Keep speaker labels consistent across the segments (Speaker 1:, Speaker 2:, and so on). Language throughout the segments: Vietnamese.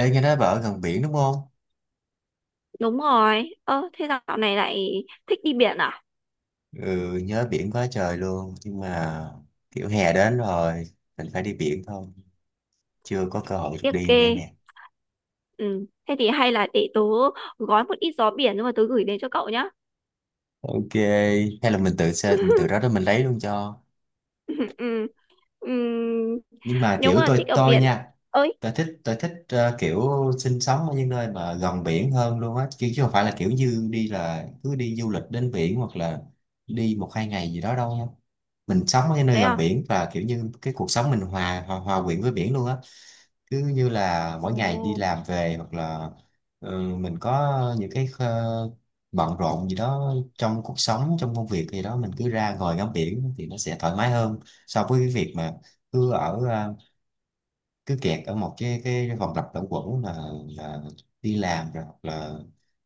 Speaker 1: Ê, nghe nói bà ở gần biển đúng không?
Speaker 2: Đúng rồi. Ơ, thế dạo này lại thích đi biển à?
Speaker 1: Ừ, nhớ biển quá trời luôn. Nhưng mà kiểu hè đến rồi, mình phải đi biển thôi. Chưa có cơ hội được
Speaker 2: Tiếc
Speaker 1: đi
Speaker 2: kê.
Speaker 1: đây nè.
Speaker 2: Ừ. Thế thì hay là để tớ gói một ít gió biển nhưng mà tớ gửi đến cho cậu nhá.
Speaker 1: Ok, hay là mình tự xe, mình tự đó đó mình lấy luôn cho.
Speaker 2: Ừ. Ừ. Ừ.
Speaker 1: Nhưng mà
Speaker 2: Nếu
Speaker 1: kiểu
Speaker 2: mà
Speaker 1: tôi
Speaker 2: thích ở
Speaker 1: tôi
Speaker 2: biển.
Speaker 1: nha,
Speaker 2: Ơi,
Speaker 1: tôi thích kiểu sinh sống ở những nơi mà gần biển hơn luôn á. Chứ không phải là kiểu như đi là cứ đi du lịch đến biển hoặc là đi một hai ngày gì đó đâu nha. Mình sống ở những nơi
Speaker 2: thế
Speaker 1: gần
Speaker 2: à?
Speaker 1: biển và kiểu như cái cuộc sống mình hòa hòa, hòa quyện với biển luôn á. Cứ như là mỗi ngày đi
Speaker 2: Ồ,
Speaker 1: làm về hoặc là mình có những cái bận rộn gì đó trong cuộc sống trong công việc gì đó mình cứ ra ngồi ngắm biển thì nó sẽ thoải mái hơn so với cái việc mà cứ cứ kẹt ở một cái vòng lặp luẩn quẩn là đi làm rồi hoặc là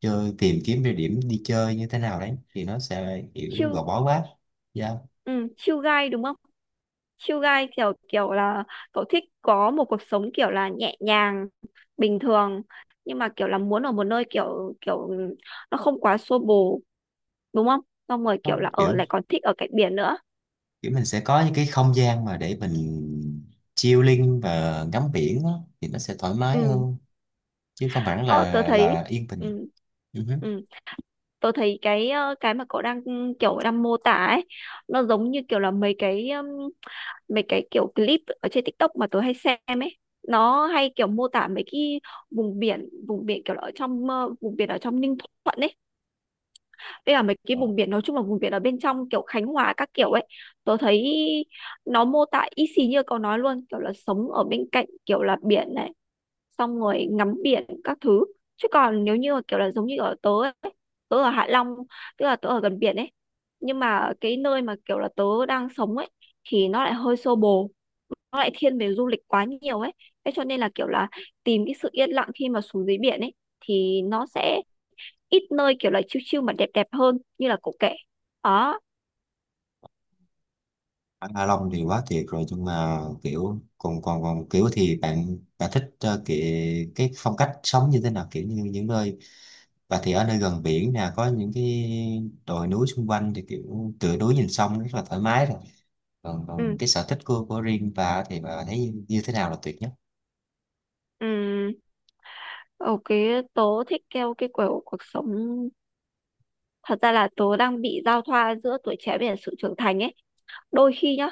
Speaker 1: chơi tìm kiếm địa điểm đi chơi như thế nào đấy thì nó sẽ kiểu
Speaker 2: chill.
Speaker 1: gò bó quá. Dạ.
Speaker 2: Ừ, chill guy đúng không? Chill guy kiểu kiểu là cậu thích có một cuộc sống kiểu là nhẹ nhàng, bình thường, nhưng mà kiểu là muốn ở một nơi kiểu kiểu nó không quá xô bồ đúng không? Xong rồi kiểu
Speaker 1: Không,
Speaker 2: là ở
Speaker 1: kiểu
Speaker 2: lại còn thích ở cạnh biển nữa.
Speaker 1: kiểu mình sẽ có những cái không gian mà để mình chilling và ngắm biển á, thì nó sẽ thoải mái
Speaker 2: Ừ.
Speaker 1: hơn chứ không hẳn
Speaker 2: Ờ, tớ
Speaker 1: là
Speaker 2: thấy
Speaker 1: yên bình.
Speaker 2: ừ,
Speaker 1: Ừ hứ.
Speaker 2: ừ, tớ thấy cái cái mà cậu đang kiểu đang mô tả ấy, nó giống như kiểu là mấy cái kiểu clip ở trên TikTok mà tớ hay xem ấy. Nó hay kiểu mô tả mấy cái vùng biển, vùng biển kiểu là ở trong vùng biển ở trong Ninh Thuận ấy, với cả mấy cái
Speaker 1: Ờ,
Speaker 2: vùng biển nói chung là vùng biển ở bên trong kiểu Khánh Hòa các kiểu ấy. Tớ thấy nó mô tả y xì như cậu nói luôn, kiểu là sống ở bên cạnh kiểu là biển này, xong rồi ngắm biển các thứ. Chứ còn nếu như kiểu là giống như ở tớ ấy, tớ ở Hạ Long, tức là tớ ở gần biển ấy, nhưng mà cái nơi mà kiểu là tớ đang sống ấy thì nó lại hơi xô bồ, nó lại thiên về du lịch quá nhiều ấy, thế cho nên là kiểu là tìm cái sự yên lặng khi mà xuống dưới biển ấy thì nó sẽ ít nơi kiểu là chill chill mà đẹp đẹp hơn như là cậu kể đó.
Speaker 1: anh Hạ Long thì quá tuyệt rồi nhưng mà kiểu còn còn còn kiểu thì bạn bạn thích cái phong cách sống như thế nào kiểu như những nơi và thì ở nơi gần biển nè có những cái đồi núi xung quanh thì kiểu tựa núi nhìn sông rất là thoải mái rồi. còn
Speaker 2: Ừ.
Speaker 1: còn cái sở thích của riêng bà thì bà thấy như thế nào là tuyệt nhất?
Speaker 2: Ừ. OK. Tớ thích theo cái kiểu cuộc sống, thật ra là tớ đang bị giao thoa giữa tuổi trẻ với cả sự trưởng thành ấy. Đôi khi nhá,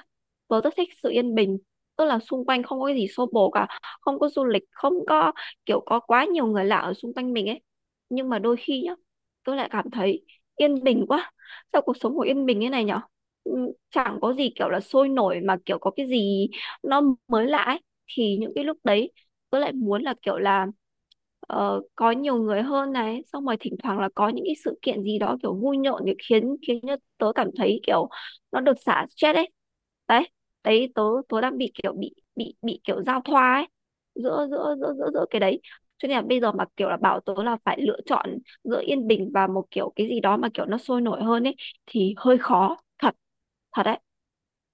Speaker 2: tớ rất thích sự yên bình, tức là xung quanh không có cái gì xô bồ cả, không có du lịch, không có kiểu có quá nhiều người lạ ở xung quanh mình ấy. Nhưng mà đôi khi nhá, tớ lại cảm thấy yên bình quá. Sao cuộc sống của yên bình thế này nhở. Ừ, chẳng có gì kiểu là sôi nổi mà kiểu có cái gì nó mới lạ ấy, thì những cái lúc đấy tớ lại muốn là kiểu là có nhiều người hơn này, xong rồi thỉnh thoảng là có những cái sự kiện gì đó kiểu vui nhộn để khiến khiến cho tớ cảm thấy kiểu nó được xả stress ấy. Đấy. Đấy tớ tớ đang bị kiểu bị kiểu giao thoa ấy, giữa giữa giữa giữa giữa cái đấy, cho nên là bây giờ mà kiểu là bảo tớ là phải lựa chọn giữa yên bình và một kiểu cái gì đó mà kiểu nó sôi nổi hơn ấy thì hơi khó thật, thật đấy,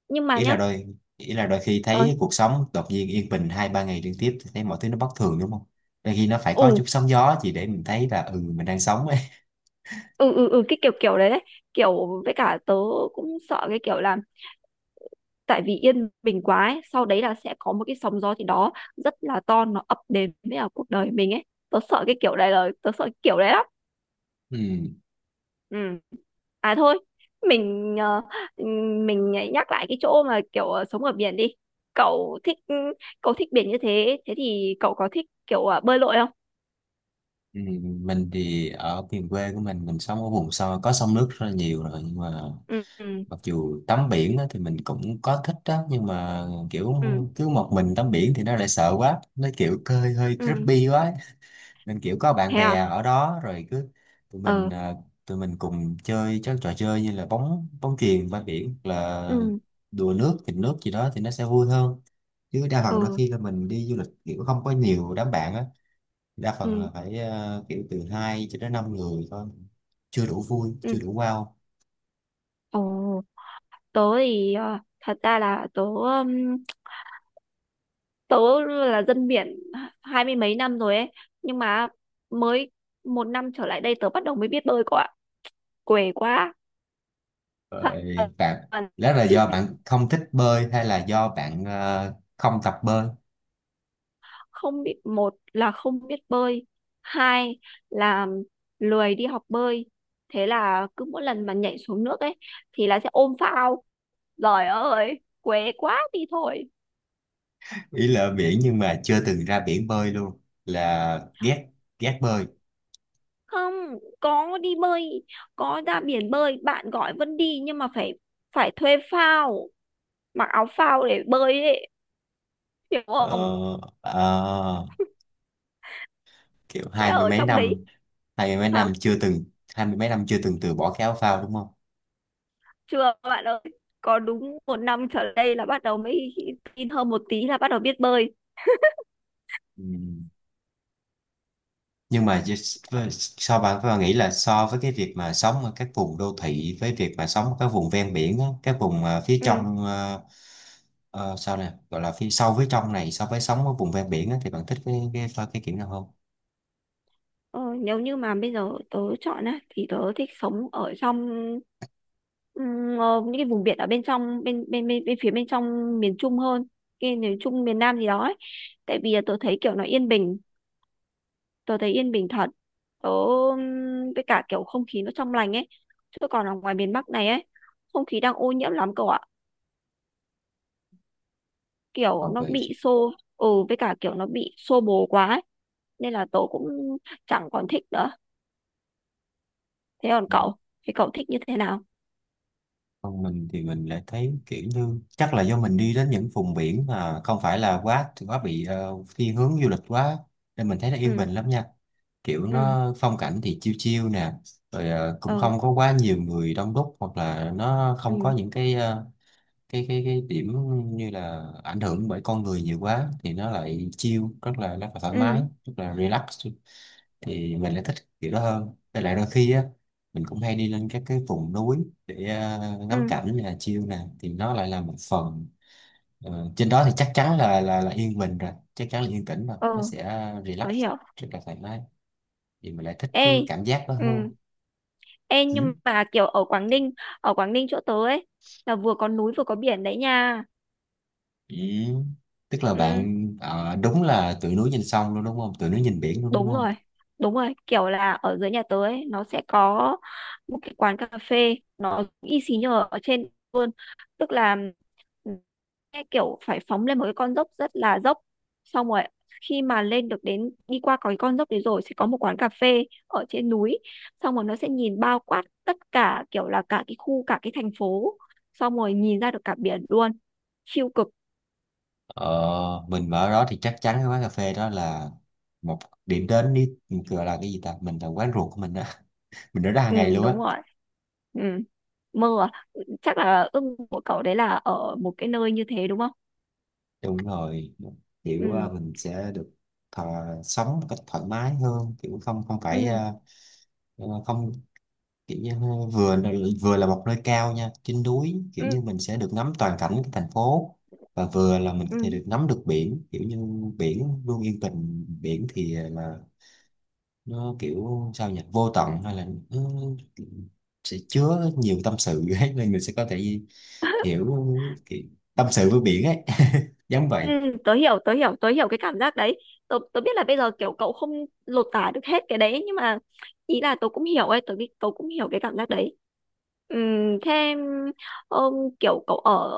Speaker 2: nhưng mà
Speaker 1: ý là
Speaker 2: nhá.
Speaker 1: đôi Ý là đôi khi thấy
Speaker 2: Ơi.
Speaker 1: cuộc sống đột nhiên yên bình hai ba ngày liên tiếp thì thấy mọi thứ nó bất thường đúng không? Đôi khi nó phải có
Speaker 2: Ừ.
Speaker 1: chút sóng gió chỉ để mình thấy là ừ mình đang sống ấy.
Speaker 2: Ừ. Ừ. Ừ, cái kiểu kiểu đấy, đấy kiểu, với cả tớ cũng sợ cái kiểu là tại vì yên bình quá ấy, sau đấy là sẽ có một cái sóng gió gì đó rất là to nó ập đến với cả cuộc đời mình ấy. Tớ sợ cái kiểu đấy, là tớ sợ cái kiểu đấy lắm.
Speaker 1: Ừ,
Speaker 2: Ừ. À thôi, mình ừ, mình nhắc lại cái chỗ mà kiểu sống ở biển đi. Cậu thích, cậu thích biển như thế, thế thì cậu có thích kiểu bơi lội không?
Speaker 1: ừ, mình thì ở miền quê của mình sống ở vùng sâu có sông nước rất là nhiều rồi nhưng mà
Speaker 2: Ừ. Ừ.
Speaker 1: mặc dù tắm biển á, thì mình cũng có thích đó nhưng mà kiểu
Speaker 2: Ừ.
Speaker 1: cứ một mình tắm biển thì nó lại sợ quá, nó kiểu hơi hơi
Speaker 2: Ừ.
Speaker 1: creepy quá ấy. Nên kiểu có bạn
Speaker 2: Thế
Speaker 1: bè
Speaker 2: à.
Speaker 1: ở đó rồi cứ tụi mình
Speaker 2: Ờ.
Speaker 1: ờ, tụi mình cùng chơi các trò chơi như là bóng bóng chuyền bãi biển hoặc là
Speaker 2: Ừ.
Speaker 1: đùa nước nghịch nước gì đó thì nó sẽ vui hơn, chứ đa phần đôi
Speaker 2: Ừ.
Speaker 1: khi là mình đi du lịch kiểu không có nhiều đám bạn á, đa phần
Speaker 2: Ừ.
Speaker 1: là phải kiểu từ hai cho đến năm người thôi, chưa đủ vui
Speaker 2: Ừ.
Speaker 1: chưa đủ wow.
Speaker 2: Ồ. Tớ thì thật ra là tớ tớ là dân biển hai mươi mấy năm rồi ấy, nhưng mà mới một năm trở lại đây tớ bắt đầu mới biết bơi cậu ạ. Què quá.
Speaker 1: Rồi bạn,
Speaker 2: Toàn
Speaker 1: đó là do bạn không thích bơi hay là do bạn không tập bơi?
Speaker 2: không biết. Một là không biết bơi, hai là lười đi học bơi, thế là cứ mỗi lần mà nhảy xuống nước ấy thì là sẽ ôm phao. Giời ơi què quá đi thôi.
Speaker 1: Ý là ở biển nhưng mà chưa từng ra biển bơi luôn là ghét, ghét bơi?
Speaker 2: Không, có đi bơi, có ra biển bơi bạn gọi vẫn đi, nhưng mà phải, phải thuê phao, mặc áo phao để bơi ấy, hiểu không?
Speaker 1: Ờ, ờ, kiểu
Speaker 2: Sẽ
Speaker 1: hai mươi
Speaker 2: ở
Speaker 1: mấy
Speaker 2: trong
Speaker 1: năm,
Speaker 2: đấy.
Speaker 1: hai mươi mấy
Speaker 2: Hả?
Speaker 1: năm chưa từng, hai mươi mấy năm chưa từng từ bỏ cái áo phao đúng không?
Speaker 2: Chưa bạn ơi, có đúng một năm trở lại đây là bắt đầu mới tin hơn một tí là bắt đầu biết bơi.
Speaker 1: Ừ. Nhưng mà so bạn bạn nghĩ là so với cái việc mà sống ở các vùng đô thị với việc mà sống ở các vùng ven biển á, các vùng phía
Speaker 2: Ừ.
Speaker 1: trong, sao nè gọi là phía sâu phía trong này so với sống ở vùng ven biển á, thì bạn thích cái kiểu nào hơn?
Speaker 2: ờ, nếu như mà bây giờ tớ chọn á thì tớ thích sống ở trong ờ, những cái vùng biển ở bên trong, bên phía bên trong miền Trung hơn, cái miền Trung miền Nam gì đó ấy. Tại vì là tớ thấy kiểu nó yên bình, tớ thấy yên bình thật. Tớ với cả kiểu không khí nó trong lành ấy, chứ còn ở ngoài miền Bắc này ấy, không khí đang ô nhiễm lắm cậu ạ. Kiểu
Speaker 1: Còn
Speaker 2: nó
Speaker 1: về,
Speaker 2: bị xô. Ừ, với cả kiểu nó bị xô bồ quá ấy, nên là tớ cũng chẳng còn thích nữa. Thế còn cậu? Thế cậu thích như thế nào?
Speaker 1: còn mình thì mình lại thấy kiểu như chắc là do mình đi đến những vùng biển mà không phải là quá quá bị thiên hướng du lịch quá nên mình thấy nó yên bình
Speaker 2: Ừ.
Speaker 1: lắm nha. Kiểu
Speaker 2: Ừ.
Speaker 1: nó phong cảnh thì chiêu chiêu nè, rồi cũng
Speaker 2: Ờ.
Speaker 1: không có quá nhiều người đông đúc hoặc là nó không có
Speaker 2: Ừ.
Speaker 1: những cái cái điểm như là ảnh hưởng bởi con người nhiều quá thì nó lại chiêu rất là thoải mái,
Speaker 2: Ừ.
Speaker 1: rất là relax, thì mình lại thích kiểu đó hơn. Với lại đôi khi á mình cũng hay đi lên các cái vùng núi để ngắm
Speaker 2: Ừ.
Speaker 1: cảnh nè chill nè thì nó lại là một phần. Ờ, trên đó thì chắc chắn là yên bình rồi, chắc chắn là yên tĩnh rồi, nó
Speaker 2: Ờ.
Speaker 1: sẽ relax
Speaker 2: Tớ hiểu.
Speaker 1: rất là thoải mái, thì mình lại thích
Speaker 2: Ê.
Speaker 1: cái cảm giác đó
Speaker 2: Ừ.
Speaker 1: hơn.
Speaker 2: Ê,
Speaker 1: Ừ.
Speaker 2: nhưng mà kiểu ở Quảng Ninh, ở Quảng Ninh chỗ tớ ấy là vừa có núi vừa có biển đấy nha.
Speaker 1: Ừ. Tức là
Speaker 2: Ừ.
Speaker 1: bạn đúng là từ núi nhìn sông luôn đúng không, từ núi nhìn biển luôn đúng
Speaker 2: Đúng
Speaker 1: không?
Speaker 2: rồi, đúng rồi, kiểu là ở dưới nhà tớ ấy, nó sẽ có một cái quán cà phê nó y xì như ở trên luôn. Tức là cái kiểu phải phóng lên một cái con dốc rất là dốc. Xong rồi khi mà lên được đến, đi qua có cái con dốc đấy rồi, sẽ có một quán cà phê ở trên núi. Xong rồi nó sẽ nhìn bao quát tất cả, kiểu là cả cái khu, cả cái thành phố. Xong rồi nhìn ra được cả biển luôn. Siêu cực.
Speaker 1: Ờ, mình ở đó thì chắc chắn cái quán cà phê đó là một điểm đến, đi gọi là cái gì ta, mình là quán ruột của mình đó, mình ở ra hàng
Speaker 2: Ừ
Speaker 1: ngày luôn á.
Speaker 2: đúng rồi. Ừ. Mơ à? Ừ, chắc là ước của cậu đấy là ở một cái nơi như thế đúng không?
Speaker 1: Đúng rồi, kiểu
Speaker 2: Ừ.
Speaker 1: mình sẽ được thọ, sống một cách thoải mái hơn kiểu không không phải
Speaker 2: Ừ.
Speaker 1: không, kiểu như vừa vừa là một nơi cao nha trên núi, kiểu
Speaker 2: Ừ.
Speaker 1: như mình sẽ được ngắm toàn cảnh cái thành phố và vừa là mình có thể
Speaker 2: Ừ.
Speaker 1: được ngắm được biển, kiểu như biển luôn yên bình, biển thì là nó kiểu sao nhỉ, vô tận hay là nó sẽ chứa nhiều tâm sự ấy, nên mình sẽ có thể hiểu kiểu tâm sự với biển ấy giống
Speaker 2: Ừ.
Speaker 1: vậy.
Speaker 2: Tớ hiểu, tớ hiểu, tớ hiểu cái cảm giác đấy. Tớ biết là bây giờ kiểu cậu không lột tả được hết cái đấy, nhưng mà ý là tớ cũng hiểu ấy. Tớ cũng hiểu cái cảm giác đấy. Ừ. Thế um, kiểu cậu ở,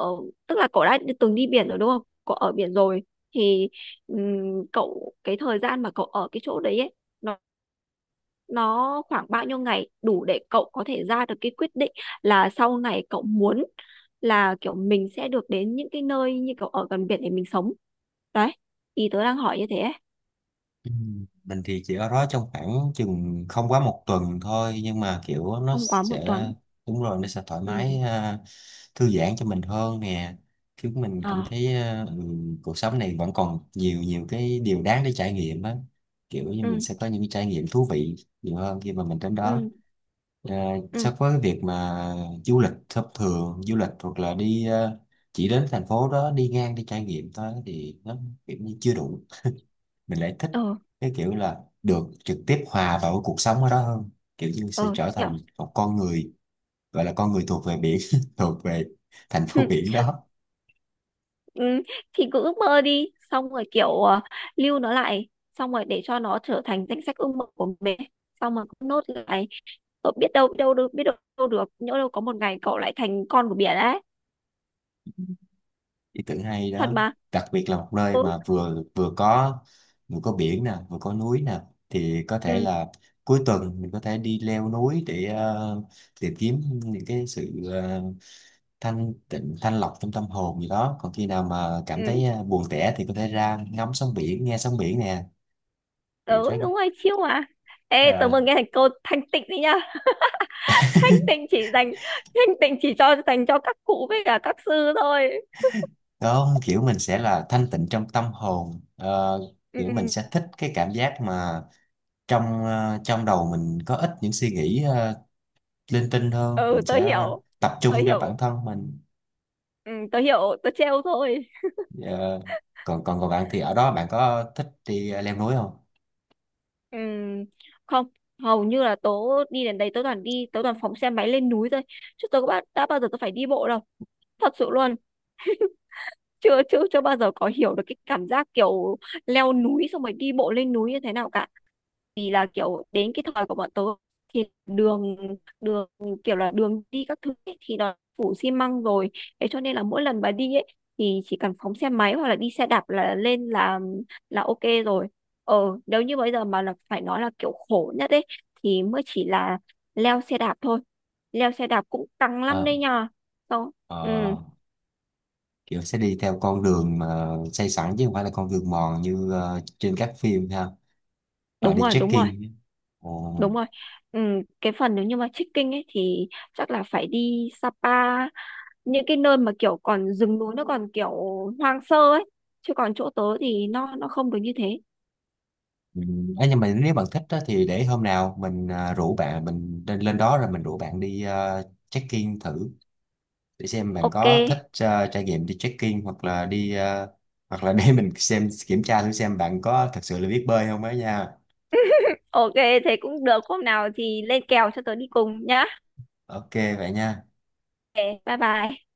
Speaker 2: tức là cậu đã từng đi biển rồi đúng không? Cậu ở biển rồi thì cậu cái thời gian mà cậu ở cái chỗ đấy ấy nó nó khoảng bao nhiêu ngày đủ để cậu có thể ra được cái quyết định là sau này cậu muốn là kiểu mình sẽ được đến những cái nơi như kiểu ở gần biển để mình sống đấy, ý tớ đang hỏi như thế ấy.
Speaker 1: Ừ. Mình thì chỉ ở đó trong khoảng chừng không quá một tuần thôi nhưng mà kiểu nó
Speaker 2: Không quá một
Speaker 1: sẽ,
Speaker 2: tuần?
Speaker 1: đúng rồi, nó sẽ thoải mái
Speaker 2: Ừ.
Speaker 1: thư giãn cho mình hơn nè, chứ mình
Speaker 2: Ờ.
Speaker 1: cảm thấy cuộc sống này vẫn còn nhiều nhiều cái điều đáng để trải nghiệm á, kiểu như mình
Speaker 2: Ừ.
Speaker 1: sẽ có những cái trải nghiệm thú vị nhiều hơn khi mà mình đến đó,
Speaker 2: Ừ. Ừ.
Speaker 1: so với cái việc mà du lịch hoặc là đi chỉ đến thành phố đó đi ngang đi trải nghiệm thôi thì nó kiểu như chưa đủ, mình lại thích
Speaker 2: Ờ.
Speaker 1: cái kiểu là được trực tiếp hòa vào cuộc sống ở đó hơn, kiểu như sẽ
Speaker 2: Ờ.
Speaker 1: trở
Speaker 2: Kiểu.
Speaker 1: thành một con người, gọi là con người thuộc về biển thuộc về thành phố biển đó.
Speaker 2: Ừ. Thì cứ ước mơ đi, xong rồi kiểu lưu nó lại, xong rồi để cho nó trở thành danh sách ước mơ của mình, xong rồi cứ nốt lại. Cậu biết đâu, biết đâu được, biết đâu được, nhỡ đâu có một ngày cậu lại thành con của biển ấy.
Speaker 1: Ý tưởng hay
Speaker 2: Thật
Speaker 1: đó,
Speaker 2: mà.
Speaker 1: đặc biệt là một nơi
Speaker 2: Ừ.
Speaker 1: mà vừa vừa có, vừa có biển nè vừa có núi nè, thì có thể
Speaker 2: Ừ.
Speaker 1: là cuối tuần mình có thể đi leo núi để tìm kiếm những cái sự thanh tịnh thanh lọc trong tâm hồn gì đó, còn khi nào mà cảm
Speaker 2: Ừ.
Speaker 1: thấy buồn tẻ thì có thể ra ngắm sóng biển nghe sóng biển nè thì rất.
Speaker 2: Ừ đúng rồi chiêu mà. Ê tớ
Speaker 1: Ờ,
Speaker 2: vừa nghe thành cô thanh tịnh đấy nhá. Thanh tịnh chỉ dành, thanh tịnh chỉ cho dành cho các cụ với cả các sư thôi.
Speaker 1: có kiểu mình sẽ là thanh tịnh trong tâm hồn. Ờ,
Speaker 2: Ừ.
Speaker 1: kiểu mình sẽ thích cái cảm giác mà trong trong đầu mình có ít những suy nghĩ linh tinh hơn,
Speaker 2: Ừ.
Speaker 1: mình
Speaker 2: Tớ
Speaker 1: sẽ
Speaker 2: hiểu,
Speaker 1: tập
Speaker 2: tớ
Speaker 1: trung cho bản
Speaker 2: hiểu.
Speaker 1: thân mình.
Speaker 2: Ừ, tớ hiểu, tớ trêu thôi.
Speaker 1: Ờ, còn còn còn bạn thì ở đó bạn có thích đi leo núi không?
Speaker 2: Ừ. Không, hầu như là tớ đi đến đấy tớ toàn đi, tớ toàn phóng xe máy lên núi thôi, chứ tớ có đã bao giờ tớ phải đi bộ đâu. Thật sự luôn. Chưa chưa chưa bao giờ có hiểu được cái cảm giác kiểu leo núi, xong rồi đi bộ lên núi như thế nào cả. Vì là kiểu đến cái thời của bọn tớ thì đường đường kiểu là đường đi các thứ ấy, thì nó phủ xi măng rồi, thế cho nên là mỗi lần bà đi ấy thì chỉ cần phóng xe máy hoặc là đi xe đạp là lên, là OK rồi. Nếu như bây giờ mà là phải nói là kiểu khổ nhất ấy thì mới chỉ là leo xe đạp thôi. Leo xe đạp cũng căng lắm
Speaker 1: Ờ,
Speaker 2: đấy nhờ. Không. Ừ
Speaker 1: ờ, kiểu sẽ đi theo con đường mà xây sẵn chứ không phải là con đường mòn như trên các phim ha. Ờ,
Speaker 2: đúng
Speaker 1: đi
Speaker 2: rồi, đúng rồi.
Speaker 1: trekking. Ồ.
Speaker 2: Đúng rồi. Ừ, cái phần nếu như mà trekking ấy thì chắc là phải đi Sapa, những cái nơi mà kiểu còn rừng núi nó còn kiểu hoang sơ ấy, chứ còn chỗ tớ thì nó không được như thế.
Speaker 1: Ừ, ấy nhưng mà nếu bạn thích á, thì để hôm nào mình rủ bạn mình lên lên đó rồi mình rủ bạn đi check-in thử để xem bạn
Speaker 2: OK.
Speaker 1: có thích trải nghiệm đi check-in hoặc là đi hoặc là để mình xem kiểm tra thử xem bạn có thật sự là biết bơi không ấy nha.
Speaker 2: OK thế cũng được, hôm nào thì lên kèo cho tớ đi cùng nhá.
Speaker 1: Ok vậy nha.
Speaker 2: OK, bye bye.